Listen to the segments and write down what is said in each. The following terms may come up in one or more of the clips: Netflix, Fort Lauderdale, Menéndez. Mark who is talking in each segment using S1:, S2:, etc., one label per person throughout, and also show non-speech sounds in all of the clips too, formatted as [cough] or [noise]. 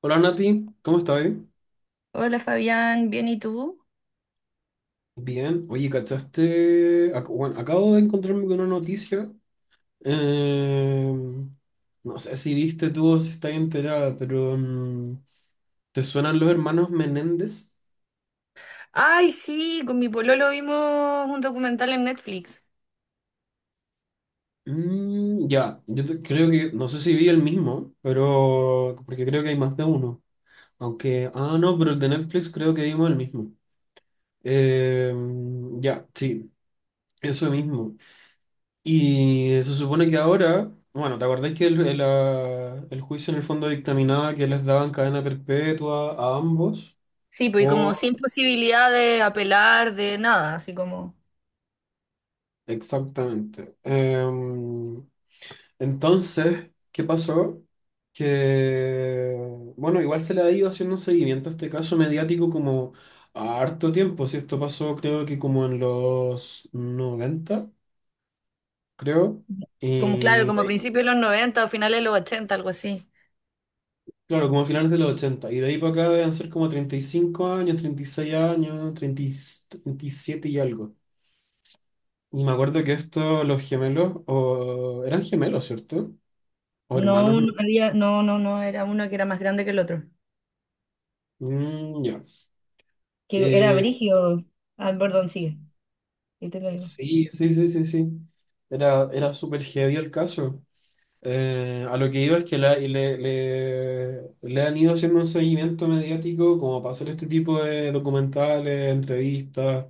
S1: Hola Nati, ¿cómo estás?
S2: Hola Fabián, ¿bien y tú?
S1: Bien, oye, ¿cachaste? Bueno, acabo de encontrarme con una noticia. eh, no sé si viste tú o si estás enterada, pero ¿te suenan los hermanos Menéndez?
S2: Ay, sí, con mi pololo vimos un documental en Netflix.
S1: Mm, ya, creo que, no sé si vi el mismo, pero porque creo que hay más de uno. No, pero el de Netflix creo que vimos el mismo. Eh, ya, sí, eso mismo. Y se supone que ahora, bueno, ¿te acordáis que el juicio en el fondo dictaminaba que les daban cadena perpetua a ambos?
S2: Sí, pues y como
S1: O
S2: sin posibilidad de apelar, de nada, así como,
S1: exactamente. Entonces, ¿qué pasó? Que, bueno, igual se le ha ido haciendo un seguimiento a este caso mediático como a harto tiempo. Si esto pasó, creo que como en los 90 creo.
S2: como claro,
S1: Y de
S2: como a
S1: ahí
S2: principios de los 90 o finales de los 80, algo así.
S1: claro, como a finales de los ochenta. Y de ahí para acá deben ser como 35 años, 36 años, 37 y algo. Y me acuerdo que estos, los gemelos, o eran gemelos, ¿cierto? O hermanos,
S2: No,
S1: ¿no?
S2: no había, no, no, no, era uno que era más grande que el otro,
S1: Mm, ya.
S2: que era
S1: Eh,
S2: Brigio. Ah, perdón, sigue, y te lo digo.
S1: sí, sí, sí, sí, sí. Era súper heavy el caso. A lo que iba es que le han ido haciendo un seguimiento mediático como para hacer este tipo de documentales, entrevistas.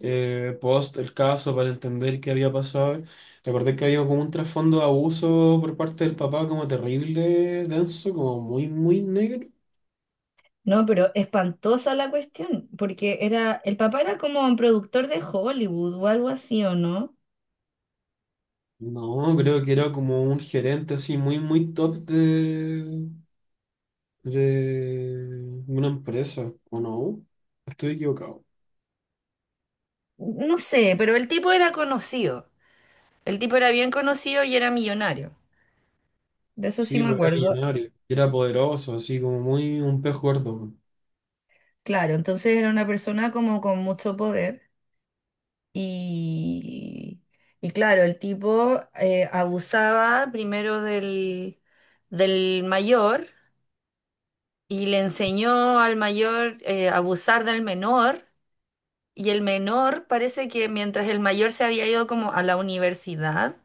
S1: Post el caso para entender qué había pasado. Te acordé que había como un trasfondo de abuso por parte del papá, como terrible, denso, como muy negro.
S2: No, pero espantosa la cuestión, porque era, el papá era como un productor de Hollywood o algo así, ¿o no?
S1: No, creo que era como un gerente así, muy top de una empresa, ¿o no? Estoy equivocado.
S2: No sé, pero el tipo era conocido. El tipo era bien conocido y era millonario. De eso sí
S1: Sí,
S2: me
S1: pues era
S2: acuerdo.
S1: millonario, era poderoso, así como muy un pez gordo.
S2: Claro, entonces era una persona como con mucho poder y, y claro, el tipo abusaba primero del mayor y le enseñó al mayor, a abusar del menor, y el menor parece que mientras el mayor se había ido como a la universidad,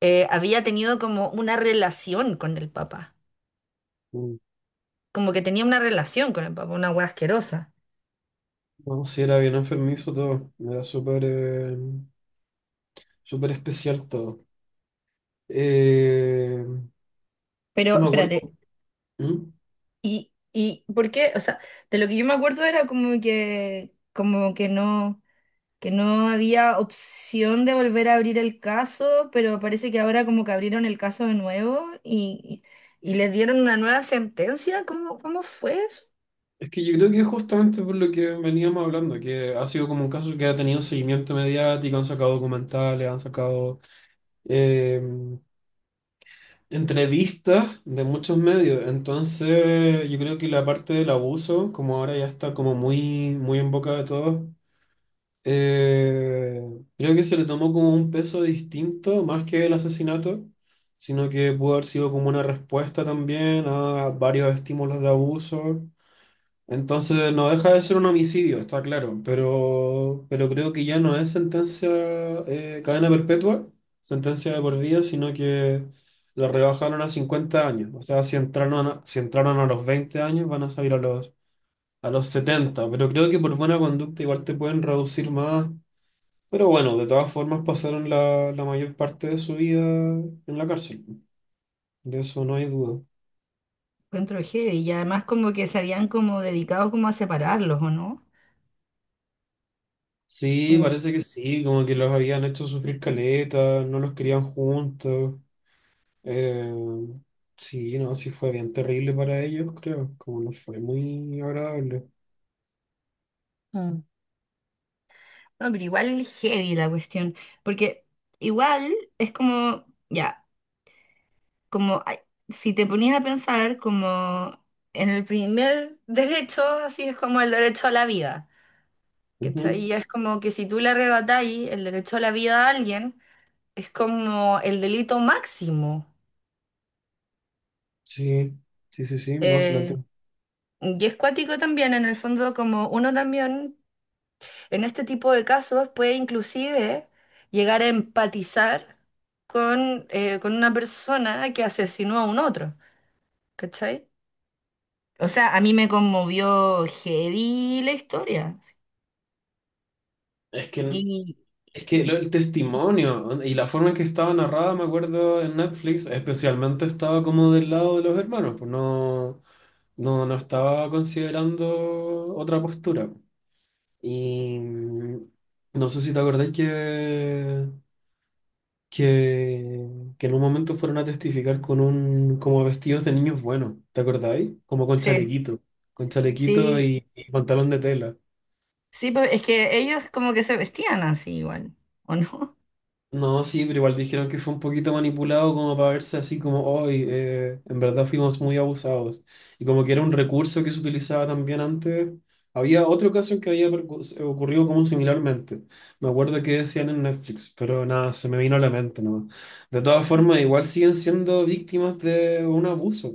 S2: había tenido como una relación con el papá,
S1: Mm.
S2: como que tenía una relación con el papá, una hueá asquerosa.
S1: No, sí, era bien enfermizo todo, era súper súper especial todo. Eh,
S2: Pero
S1: no me acuerdo.
S2: espérate,
S1: ¿Mm?
S2: ¿y por qué? O sea, de lo que yo me acuerdo era como que no había opción de volver a abrir el caso, pero parece que ahora como que abrieron el caso de nuevo y les dieron una nueva sentencia. ¿Cómo, cómo fue eso?
S1: Es que yo creo que es justamente por lo que veníamos hablando, que ha sido como un caso que ha tenido seguimiento mediático, han sacado documentales, han sacado eh, entrevistas de muchos medios. Entonces, yo creo que la parte del abuso, como ahora ya está como muy, muy en boca de todos, Eh, creo que se le tomó como un peso distinto, más que el asesinato, sino que pudo haber sido como una respuesta también a varios estímulos de abuso. Entonces no deja de ser un homicidio, está claro, pero creo que ya no es sentencia cadena perpetua, sentencia de por vida, sino que la rebajaron a 50 años. O sea, si entraron a, si entraron a los 20 años, van a salir a los 70 pero creo que por buena conducta igual te pueden reducir más pero bueno, de todas formas pasaron la, la mayor parte de su vida en la cárcel. De eso no hay duda.
S2: Encuentro heavy, y además como que se habían como dedicado como a separarlos, ¿o no?
S1: Sí,
S2: Como
S1: parece que sí, como que los habían hecho sufrir caleta, no los querían juntos. Eh, sí, no, sí fue bien terrible para ellos, creo. Como no fue muy agradable.
S2: mm, no, pero igual heavy la cuestión, porque igual es como, ya. Como ay, si te ponías a pensar como en el primer derecho, así es como el derecho a la vida. ¿Cachai?
S1: Ujú,
S2: Y es como que si tú le arrebatáis el derecho a la vida a alguien, es como el delito máximo.
S1: Sí, sí, sí, sí, no, se lo
S2: Eh,
S1: entiendo.
S2: y es cuático también, en el fondo, como uno también en este tipo de casos puede inclusive llegar a empatizar con una persona que asesinó a un otro. ¿Cachai? O sea, a mí me conmovió heavy la historia.
S1: Es que,
S2: Y
S1: es que lo- El testimonio y la forma en que estaba narrada, me acuerdo en Netflix, especialmente estaba como del lado de los hermanos, pues no. No, no estaba considerando otra postura. Y no sé si te acordáis que, que en un momento fueron a testificar con un, como vestidos de niños buenos, ¿te acordáis? Como
S2: sí,
S1: con chalequito
S2: sí,
S1: y pantalón de tela.
S2: sí, pues es que ellos como que se vestían así igual, ¿o no?
S1: No, sí, pero igual dijeron que fue un poquito manipulado como para verse así como hoy, en verdad fuimos muy abusados. Y como que era un recurso que se utilizaba también antes. Había otro caso que había ocurrido como similarmente. Me acuerdo que decían en Netflix, pero nada, se me vino a la mente nomás. De todas formas, igual siguen siendo víctimas de un abuso,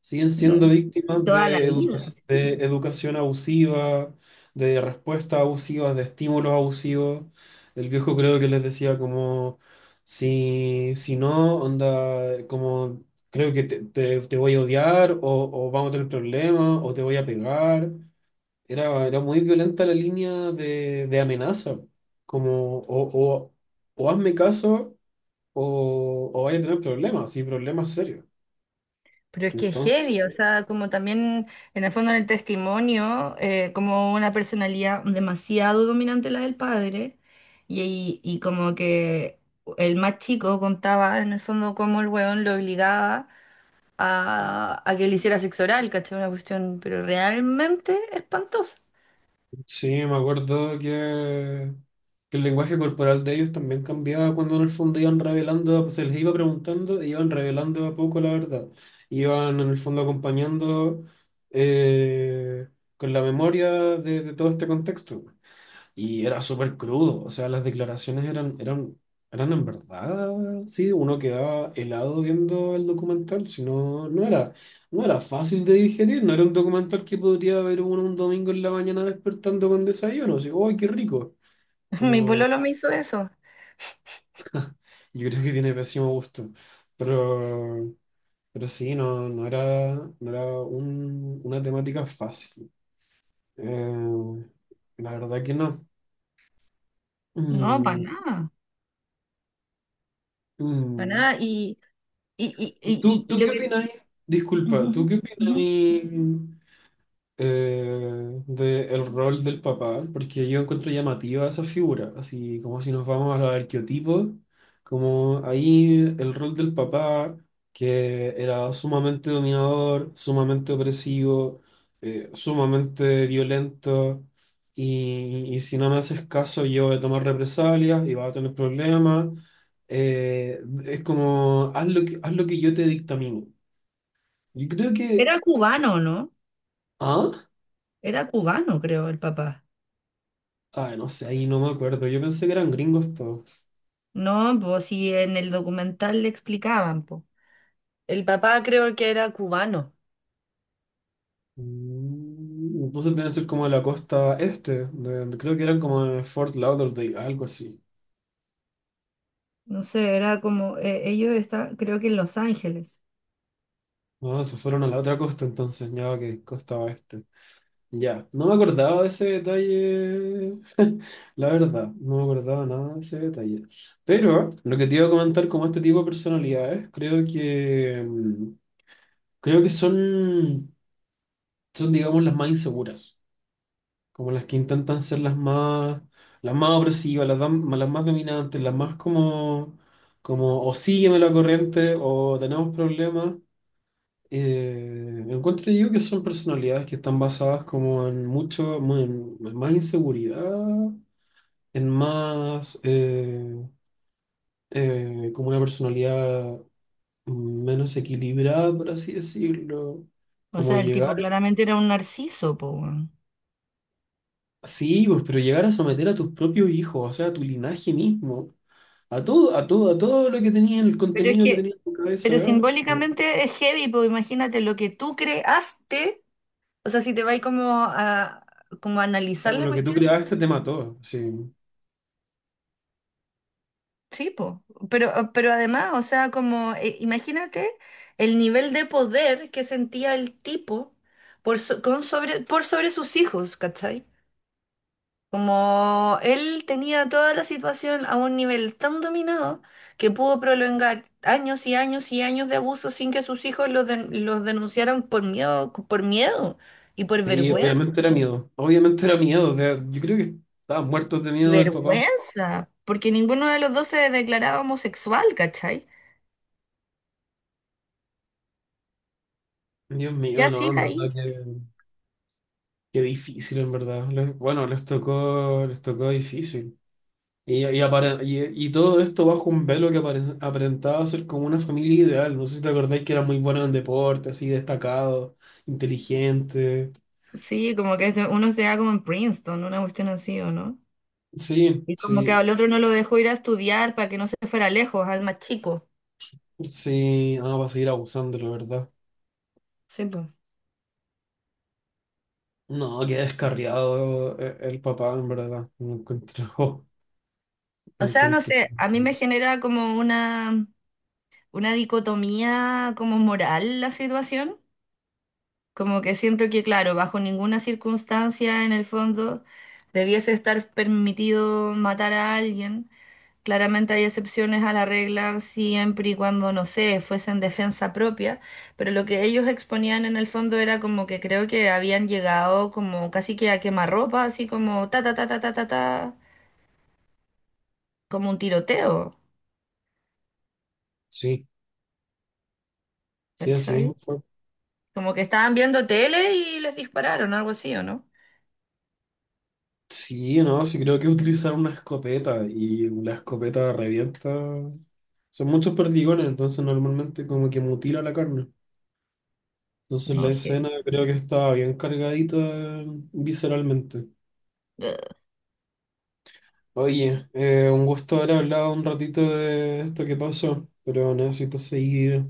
S1: siguen
S2: [laughs] No.
S1: siendo víctimas
S2: Toda la
S1: de,
S2: vida. Así.
S1: de educación abusiva, de respuestas abusivas, de estímulos abusivos. El viejo creo que les decía como, si, si no, onda, como, creo que te voy a odiar o vamos a tener problemas o te voy a pegar. Era muy violenta la línea de amenaza, como, o, o hazme caso o vaya a tener problemas, sí, problemas serios.
S2: Pero es que es
S1: Entonces…
S2: heavy, o sea, como también en el fondo en el testimonio, como una personalidad demasiado dominante la del padre, y como que el más chico contaba en el fondo cómo el weón lo obligaba a que le hiciera sexo oral, ¿cachai? Una cuestión, pero realmente espantosa.
S1: Sí, me acuerdo que el lenguaje corporal de ellos también cambiaba cuando en el fondo iban revelando, pues se les iba preguntando, e iban revelando de a poco la verdad. Iban en el fondo acompañando eh, con la memoria de todo este contexto. Y era súper crudo, o sea, las declaraciones eran en verdad, sí, uno quedaba helado viendo el documental, no era fácil de digerir, no era un documental que podría ver uno un domingo en la mañana despertando con desayuno, así, ¡ay, qué rico!
S2: [laughs] Mi pololo me hizo eso.
S1: Yo creo que tiene pésimo gusto, pero, pero sí, no era una temática fácil. Eh, la verdad que no.
S2: No, para
S1: Mm,
S2: nada, para
S1: mm.
S2: nada. Y, y, y,
S1: ¿Tú,
S2: y, y- y
S1: tú
S2: lo
S1: qué
S2: que...
S1: opináis? Disculpa, ¿tú
S2: Ujú,
S1: qué
S2: ujú.
S1: opináis? De el rol del papá, porque yo encuentro llamativa esa figura, así como si nos vamos a los arqueotipos, como ahí el rol del papá, que era sumamente dominador, sumamente opresivo, sumamente violento, y si no me haces caso yo voy a tomar represalias y vas a tener problemas. Es como, haz lo que yo te dictamino. Yo creo que…
S2: Era cubano, ¿no?
S1: ¿Ah?
S2: Era cubano, creo, el papá.
S1: Ay, no sé, ahí no me acuerdo. Yo pensé que eran gringos todos.
S2: No, pues si en el documental le explicaban, pues. El papá creo que era cubano.
S1: Mm, entonces deben ser como de la costa este. Creo que eran como de Fort Lauderdale, algo así.
S2: No sé, era como, ellos estaban, creo que en Los Ángeles.
S1: Ah, se fueron a la otra costa entonces, ya que costa oeste. Ya, no me acordaba de ese detalle. [laughs] La verdad, no me acordaba nada de ese detalle. Pero lo que te iba a comentar como este tipo de personalidades, creo que creo que son digamos las más inseguras. Como las que intentan ser las más opresivas, las más dominantes, las más como, como o sígueme la corriente o tenemos problemas. Encuentro yo que son personalidades que están basadas como en más inseguridad, en más como una personalidad menos equilibrada, por así decirlo.
S2: O
S1: Como
S2: sea, el tipo
S1: llegar,
S2: claramente era un narciso, po. Weón.
S1: sí, pues, pero llegar a someter a tus propios hijos, o sea, a tu linaje mismo. A todo lo que tenía, el
S2: Pero es
S1: contenido que
S2: que
S1: tenía en tu cabeza,
S2: Pero
S1: eh,
S2: simbólicamente es heavy, pues imagínate lo que tú creaste, o sea, si te vas como a, como a analizar
S1: todo
S2: la
S1: lo que tú
S2: cuestión,
S1: creaste te mató. Sí,
S2: sí, pues, pero además, o sea, como, imagínate el nivel de poder que sentía el tipo por, so- con sobre, por sobre sus hijos, ¿cachai? Como él tenía toda la situación a un nivel tan dominado que pudo prolongar años y años y años de abuso sin que sus hijos los, den- los denunciaran por miedo y por
S1: sí, obviamente
S2: vergüenza.
S1: era miedo. Obviamente era miedo. O sea, yo creo que estaban muertos de
S2: Y
S1: miedo del papá.
S2: vergüenza, porque ninguno de los dos se declaraba homosexual, ¿cachai?
S1: Dios
S2: ¿Qué
S1: mío, no,
S2: hacías
S1: en verdad
S2: ahí?
S1: que difícil, en verdad. Bueno, les tocó difícil. Y todo esto bajo un velo que aparentaba ser como una familia ideal. No sé si te acordáis que era muy bueno en deporte, así destacado, inteligente.
S2: Sí, como que se- uno se da como en Princeton, una cuestión así, ¿o no?
S1: Sí,
S2: Y como que
S1: sí.
S2: al otro no lo dejó ir a estudiar para que no se fuera lejos, al más chico.
S1: Sí, ah, va a seguir abusando, la verdad.
S2: Sí,
S1: No, qué descarriado el papá, en verdad. Lo encuentro, [laughs] lo
S2: o sea, no
S1: encuentro.
S2: sé, a mí me genera como una dicotomía como moral la situación, como que siento que, claro, bajo ninguna circunstancia en el fondo debiese estar permitido matar a alguien. Claramente hay excepciones a la regla siempre y cuando, no sé, fuese en defensa propia, pero lo que ellos exponían en el fondo era como que creo que habían llegado como casi que a quemarropa, así como ta ta ta ta ta ta ta, como un tiroteo,
S1: Sí, sí, así
S2: ¿cachai?
S1: mismo fue.
S2: Como que estaban viendo tele y les dispararon, algo así, ¿o no?
S1: Sí, no, sí creo que utilizar una escopeta y la escopeta revienta. Son muchos perdigones, entonces normalmente como que mutila la carne. Entonces la
S2: No, dije,
S1: escena creo que estaba bien cargadita visceralmente.
S2: "Ugh".
S1: Oye, un gusto haber hablado un ratito de esto que pasó, pero necesito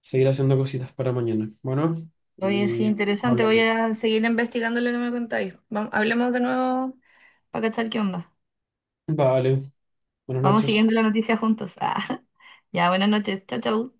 S1: seguir haciendo cositas para mañana. Bueno,
S2: Oye,
S1: y
S2: sí,
S1: estamos
S2: interesante. Voy
S1: hablando.
S2: a seguir investigando lo que me contáis. Vamos, hablemos de nuevo para cachar qué onda.
S1: Vale, buenas
S2: Vamos
S1: noches.
S2: siguiendo la noticia juntos. Ah, [laughs] ya, buenas noches. Chao, chao.